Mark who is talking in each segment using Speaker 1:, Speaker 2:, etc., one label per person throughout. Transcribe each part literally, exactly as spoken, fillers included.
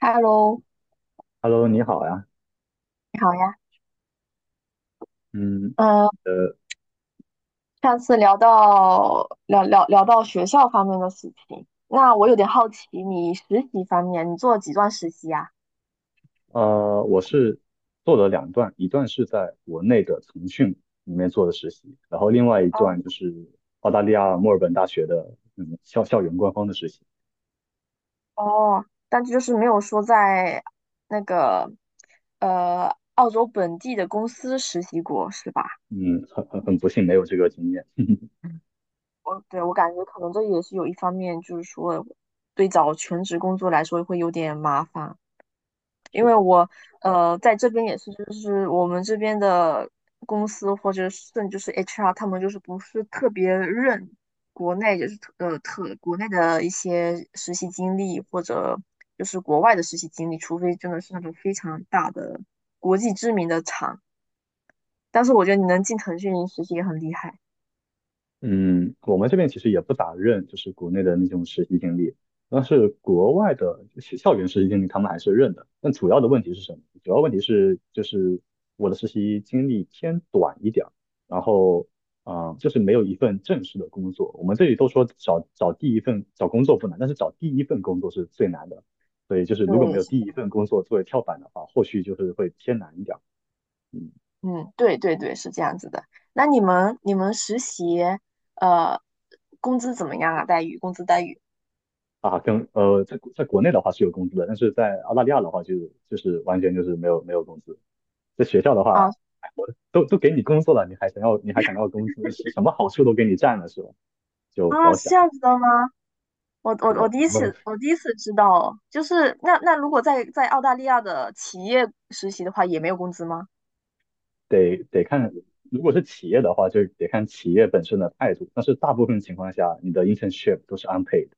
Speaker 1: Hello，
Speaker 2: Hello，你好呀。
Speaker 1: 你好呀。
Speaker 2: 嗯。
Speaker 1: 嗯，
Speaker 2: 呃，
Speaker 1: 上次聊到聊聊聊到学校方面的事情，那我有点好奇，你实习方面你做了几段实习呀？
Speaker 2: 呃，我是做了两段，一段是在国内的腾讯里面做的实习，然后另外一
Speaker 1: 哦
Speaker 2: 段就是澳大利亚墨尔本大学的嗯校校园官方的实习。
Speaker 1: 哦，但是就是没有说在那个呃澳洲本地的公司实习过，是吧？
Speaker 2: 嗯，很很很不幸没有这个经验，
Speaker 1: 我对我感觉可能这也是有一方面，就是说对找全职工作来说会有点麻烦。因
Speaker 2: 是
Speaker 1: 为
Speaker 2: 的。
Speaker 1: 我呃在这边也是，就是我们这边的公司或者甚至是 H R，他们就是不是特别认国内就是特呃特国内的一些实习经历或者就是国外的实习经历，除非真的是那种非常大的国际知名的厂。但是我觉得你能进腾讯实习也很厉害。
Speaker 2: 嗯，我们这边其实也不咋认，就是国内的那种实习经历，但是国外的校校园实习经历他们还是认的。但主要的问题是什么？主要问题是就是我的实习经历偏短一点儿，然后啊、呃就是没有一份正式的工作。我们这里都说找找第一份找工作不难，但是找第一份工作是最难的。所以就是如果没
Speaker 1: 对，
Speaker 2: 有
Speaker 1: 是
Speaker 2: 第一份工作作为跳板的话，后续就是会偏难一点儿。嗯。
Speaker 1: 嗯，对对对，是这样子的。那你们你们实习呃工资怎么样啊？待遇，工资待遇？
Speaker 2: 啊，跟呃，在在国内的话是有工资的，但是在澳大利亚的话就就是完全就是没有没有工资。在学校的话，
Speaker 1: 啊？
Speaker 2: 哎我都都给你工作了，你还想要你还想要工资，是什么好处都给你占了是吧？就不
Speaker 1: 啊，
Speaker 2: 要
Speaker 1: 是
Speaker 2: 想
Speaker 1: 这
Speaker 2: 了。
Speaker 1: 样子的吗？我我
Speaker 2: 是
Speaker 1: 我
Speaker 2: 的，
Speaker 1: 第
Speaker 2: 我
Speaker 1: 一
Speaker 2: 们
Speaker 1: 次我第一次知道哦就是那那如果在在澳大利亚的企业实习的话，也没有工资吗？
Speaker 2: 得得看，如果是企业的话，就得看企业本身的态度。但是大部分情况下，你的 internship 都是 unpaid。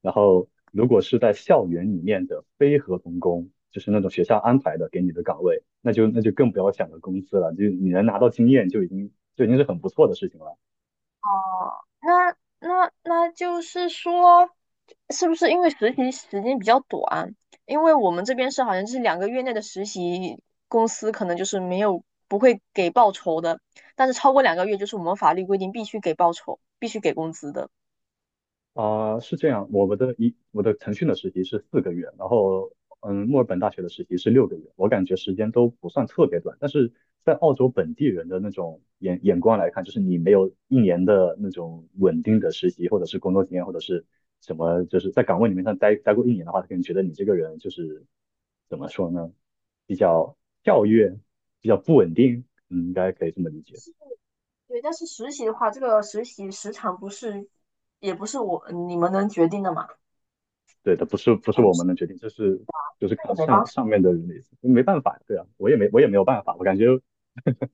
Speaker 2: 然后，如果是在校园里面的非合同工，就是那种学校安排的给你的岗位，那就那就更不要想着工资了，就你能拿到经验就已经就已经是很不错的事情了。
Speaker 1: 哦，那那那就是说，是不是因为实习时间比较短？因为我们这边是好像是两个月内的实习，公司可能就是没有不会给报酬的，但是超过两个月就是我们法律规定必须给报酬，必须给工资的。
Speaker 2: 啊、是这样，我们的一我的腾讯的实习是四个月，然后嗯，墨尔本大学的实习是六个月，我感觉时间都不算特别短，但是在澳洲本地人的那种眼眼光来看，就是你没有一年的那种稳定的实习或者是工作经验或者是什么，就是在岗位里面上待待过一年的话，他可能觉得你这个人就是怎么说呢，比较跳跃，比较不稳定。嗯，应该可以这么理解。
Speaker 1: 对，但是实习的话，这个实习时长不是，也不是我你们能决定的嘛，
Speaker 2: 对的，不是不是我们
Speaker 1: 那
Speaker 2: 能决定，这是就是
Speaker 1: 也
Speaker 2: 看
Speaker 1: 没
Speaker 2: 上
Speaker 1: 办法。
Speaker 2: 上面的人的意思，没办法，对啊，我也没我也没有办法，我感觉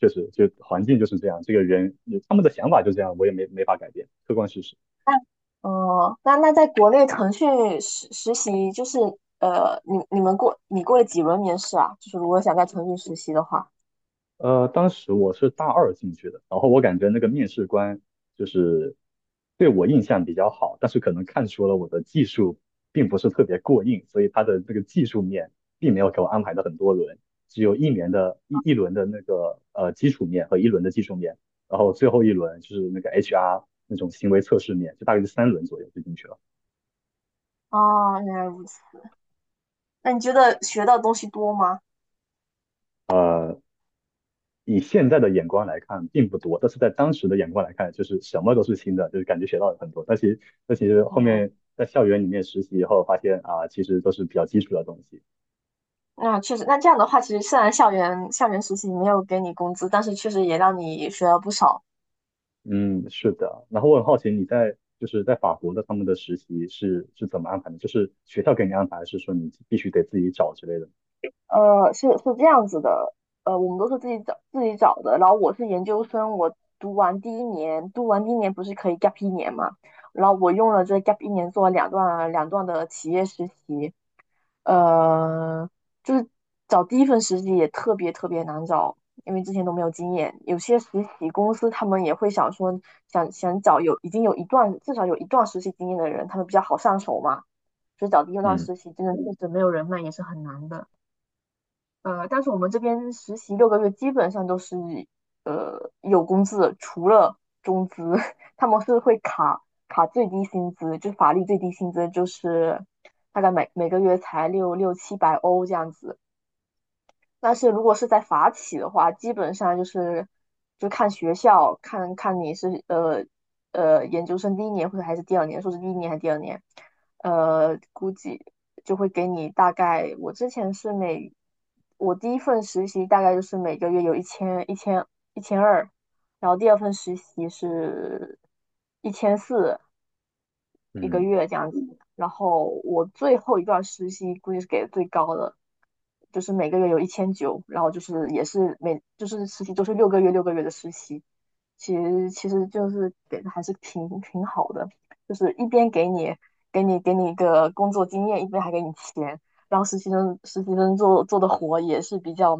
Speaker 2: 确实就环境就是这样，这个人他们的想法就这样，我也没没法改变，客观事实。
Speaker 1: 哦、那那在国内腾讯实实习就是呃，你你们过你过了几轮面试啊？就是如果想在腾讯实习的话，
Speaker 2: 呃，当时我是大二进去的，然后我感觉那个面试官就是对我印象比较好，但是可能看出了我的技术并不是特别过硬，所以他的那个技术面并没有给我安排的很多轮，只有一年的一一轮的那个呃基础面和一轮的技术面，然后最后一轮就是那个 H R 那种行为测试面，就大概是三轮左右就进去了。
Speaker 1: 哦，原来如此。那你觉得学到的东西多吗？
Speaker 2: 呃，以现在的眼光来看并不多，但是在当时的眼光来看，就是什么都是新的，就是感觉学到了很多。但其实，但其实后
Speaker 1: 嗯，
Speaker 2: 面在校园里面实习以后，发现啊，其实都是比较基础的东西。
Speaker 1: 那确实，那这样的话，其实虽然校园校园实习没有给你工资，但是确实也让你学了不少。
Speaker 2: 嗯，是的。然后我很好奇，你在就是在法国的他们的实习是是怎么安排的？就是学校给你安排，还是说你必须得自己找之类的？
Speaker 1: 呃，是是这样子的，呃，我们都是自己找自己找的。然后我是研究生，我读完第一年，读完第一年不是可以 gap 一年嘛？然后我用了这 gap 一年做了两段两段的企业实习，呃，就是找第一份实习也特别特别难找，因为之前都没有经验。有些实习公司他们也会想说，想想找有已经有一段至少有一段实习经验的人，他们比较好上手嘛。所以找第一段
Speaker 2: 嗯。
Speaker 1: 实习真的确实没有人脉也是很难的。呃，但是我们这边实习六个月基本上都是呃有工资的，除了中资，他们是会卡卡最低薪资，就法律最低薪资就是大概每每个月才六六七百欧这样子，但是如果是在法企的话，基本上就是就看学校，看看你是呃呃研究生第一年或者还是第二年，硕士第一年还是第二年，呃，估计就会给你大概。我之前是每我第一份实习大概就是每个月有一千一千一千二，然后第二份实习是一千四，一个
Speaker 2: 嗯。
Speaker 1: 月这样子。然后我最后一段实习估计是给的最高的，就是每个月有一千九，然后就是也是每就是实习都是六个月六个月的实习，其实其实就是给的还是挺挺好的，就是一边给你给你给你一个工作经验，一边还给你钱，然后实习生实习生做做的活也是比较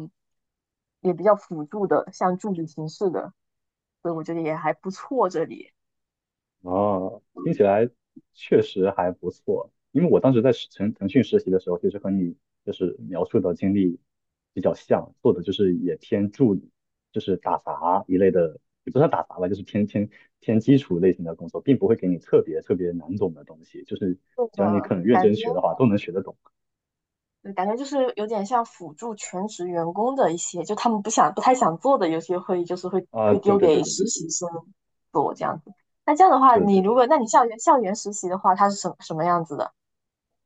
Speaker 1: 也比较辅助的，像助理形式的，所以我觉得也还不错这里。
Speaker 2: 啊，听起来确实还不错。因为我当时在实腾腾讯实习的时候，其实和你就是描述的经历比较像，做的就是也偏助理，就是打杂一类的，也不算打杂吧，就是偏偏偏基础类型的工作，并不会给你特别特别难懂的东西，就是
Speaker 1: 对
Speaker 2: 只
Speaker 1: 的，
Speaker 2: 要你肯认
Speaker 1: 感觉
Speaker 2: 真学的话，都能学得懂。
Speaker 1: 嗯感觉就是有点像辅助全职员工的一些，就他们不想不太想做的，有些会就是会
Speaker 2: 啊，
Speaker 1: 会
Speaker 2: 对
Speaker 1: 丢
Speaker 2: 对对
Speaker 1: 给
Speaker 2: 对
Speaker 1: 实
Speaker 2: 对
Speaker 1: 习生做这样子。那这样的话，
Speaker 2: 对
Speaker 1: 你
Speaker 2: 对
Speaker 1: 如
Speaker 2: 对。
Speaker 1: 果那你校园校园实习的话，它是什什么样子的？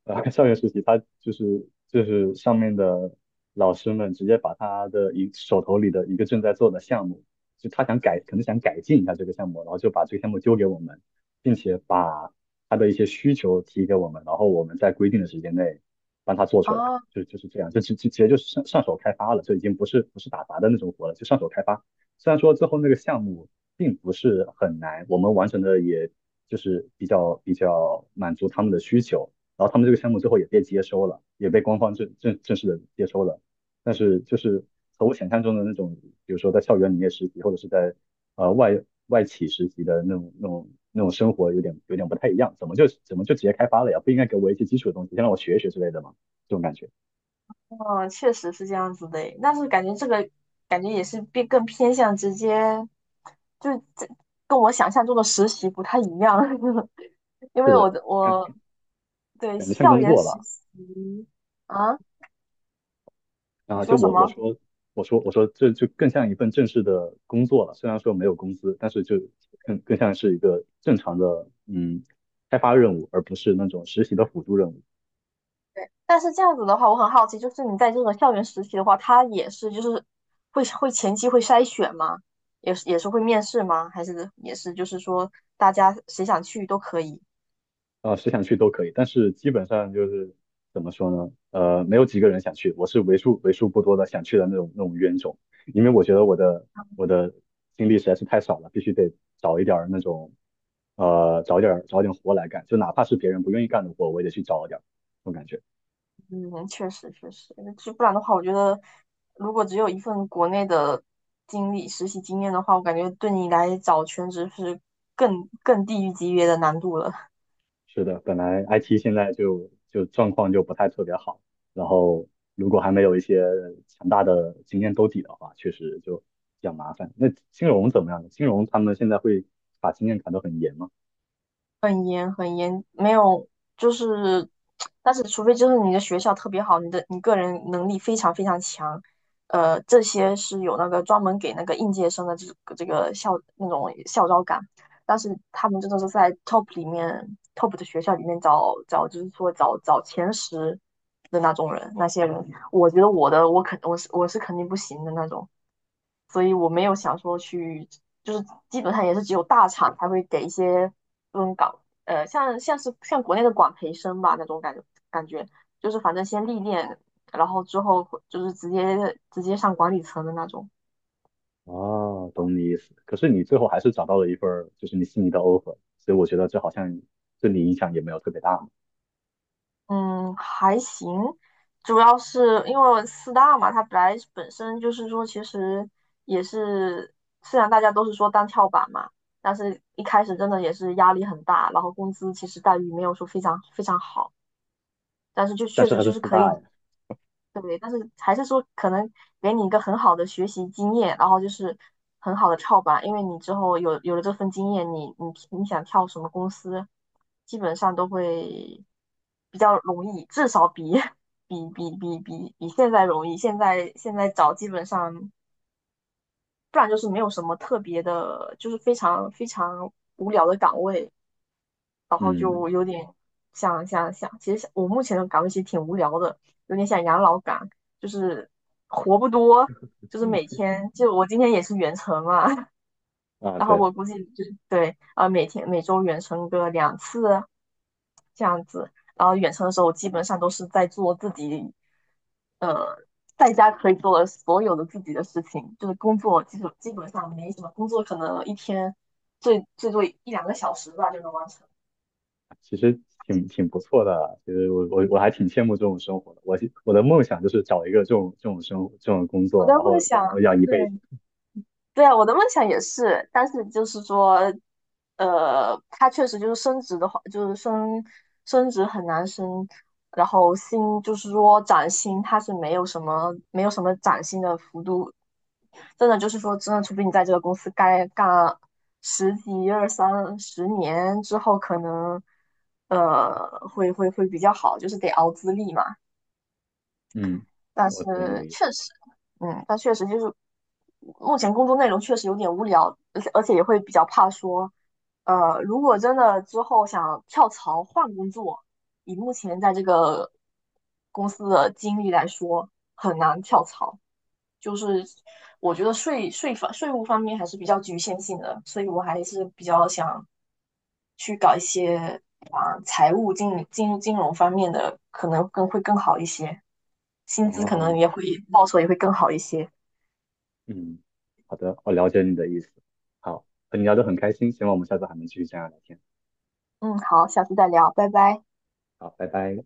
Speaker 2: 呃，校园实习，他就是就是上面的老师们直接把他的一手头里的一个正在做的项目，就他想改，可能想改进一下这个项目，然后就把这个项目丢给我们，并且把他的一些需求提给我们，然后我们在规定的时间内帮他做出来，
Speaker 1: 啊？
Speaker 2: 就就是这样，就就直接就是上上手开发了，就已经不是不是打杂的那种活了，就上手开发。虽然说最后那个项目并不是很难，我们完成的也就是比较比较满足他们的需求。然后他们这个项目最后也被接收了，也被官方正正正式的接收了。但是就是和我想象中的那种，比如说在校园里面实习，或者是在呃外外企实习的那种那种那种生活，有点有点不太一样。怎么就怎么就直接开发了呀？不应该给我一些基础的东西，先让我学一学之类的吗？这种感觉。
Speaker 1: 哦，确实是这样子的诶，但是感觉这个感觉也是变更偏向直接，就是这跟我想象中的实习不太一样，因
Speaker 2: 是
Speaker 1: 为我
Speaker 2: 的，
Speaker 1: 的
Speaker 2: 感
Speaker 1: 我对
Speaker 2: 感觉像
Speaker 1: 校
Speaker 2: 工
Speaker 1: 园
Speaker 2: 作
Speaker 1: 实
Speaker 2: 吧。
Speaker 1: 习啊，你
Speaker 2: 啊，就
Speaker 1: 说什
Speaker 2: 我我
Speaker 1: 么？
Speaker 2: 说我说我说这就更像一份正式的工作了，虽然说没有工资，但是就更更像是一个正常的嗯开发任务，而不是那种实习的辅助任务。
Speaker 1: 但是这样子的话，我很好奇，就是你在这个校园实习的话，他也是就是会会前期会筛选吗？也是也是会面试吗？还是也是就是说大家谁想去都可以？
Speaker 2: 啊，谁想去都可以，但是基本上就是怎么说呢？呃，没有几个人想去，我是为数为数不多的想去的那种那种冤种，因为我觉得我的我的经历实在是太少了，必须得找一点儿那种呃找一点儿找一点活来干，就哪怕是别人不愿意干的活，我也得去找一点儿，这种感觉。
Speaker 1: 嗯，确实确实，就不然的话，我觉得如果只有一份国内的经历实习经验的话，我感觉对你来找全职是更更地狱级别的难度了。
Speaker 2: 是的，本来 I T 现在就就状况就不太特别好，然后如果还没有一些强大的经验兜底的话，确实就比较麻烦。那金融怎么样呢金融他们现在会把经验砍得很严吗？
Speaker 1: 没有，就是，但是除非就是你的学校特别好，你的你个人能力非常非常强，呃，这些是有那个专门给那个应届生的这个这个校那种校招岗，但是他们真的是在 top 里面 top 的学校里面找找，就是说找找前十的那种人，那些人，我觉得我的我肯我是我是肯定不行的那种，所以我没有想说去，就是基本上也是只有大厂才会给一些这种岗。呃，像像是像国内的管培生吧那种感觉，感觉就是反正先历练，然后之后就是直接直接上管理层的那种。
Speaker 2: 啊，懂你意思。可是你最后还是找到了一份儿就是你心仪的 offer，所以我觉得这好像对你影响也没有特别大嘛。
Speaker 1: 嗯，还行，主要是因为四大嘛，它本来本身就是说，其实也是虽然大家都是说当跳板嘛，但是一开始真的也是压力很大，然后工资其实待遇没有说非常非常好，但是就
Speaker 2: 但
Speaker 1: 确
Speaker 2: 是
Speaker 1: 实
Speaker 2: 它是
Speaker 1: 就是
Speaker 2: 四
Speaker 1: 可
Speaker 2: 大呀。
Speaker 1: 以对，但是还是说可能给你一个很好的学习经验，然后就是很好的跳板，因为你之后有有了这份经验，你你你想跳什么公司，基本上都会比较容易，至少比 比比比比比现在容易。现在现在找基本上，不然就是没有什么特别的，就是非常非常无聊的岗位。
Speaker 2: 嗯。
Speaker 1: 想想想，其实我目前的岗位其实挺无聊的，有点像养老岗，就是活不多，就是每天就我今天也是远程嘛，
Speaker 2: 啊，
Speaker 1: 然后
Speaker 2: 对。
Speaker 1: 我估计就是对啊，呃，每天每周远程个两次这样子，然后远程的时候我基本上都是在做自己，呃，在家可以做的所有的自己的事情，就是工作基本基本上没什么工作，可能一天最最多一两个小时吧就能完成。
Speaker 2: 其实挺挺不错的啊。其实我我我还挺羡慕这种生活的。我我的梦想就是找一个这种这种生活这种工
Speaker 1: 我
Speaker 2: 作，
Speaker 1: 在
Speaker 2: 然
Speaker 1: 梦
Speaker 2: 后
Speaker 1: 想。
Speaker 2: 然后要一
Speaker 1: 对，
Speaker 2: 辈子。
Speaker 1: 对啊，我的梦想也是，但是就是说，呃，它确实就是升职的话，就是升升职很难升，然后薪就是说涨薪，它是没有什么没有什么涨薪的幅度，真的就是说，真的除非你在这个公司该干十几、二三十年之后，可能呃会会会比较好，就是得熬资历嘛。
Speaker 2: 嗯，
Speaker 1: 但
Speaker 2: 我懂你的
Speaker 1: 是
Speaker 2: 意思
Speaker 1: 确实，嗯但确实就是目前工作内容确实有点无聊，而且而且也会比较怕说，呃，如果真的之后想跳槽换工作，以目前在这个公司的经历来说，很难跳槽。就是我觉得税税法税务方面还是比较局限性的，所以我还是比较想去搞一些啊财务金、金金融方面的，可能更会更好一些，薪资可能
Speaker 2: 啊。
Speaker 1: 也会高一些。
Speaker 2: 嗯，好的，我了解你的意思。好，和你聊得很开心，希望我们下次还能继续这样聊天。
Speaker 1: 嗯，好，下次再聊，拜拜。
Speaker 2: 好，拜拜。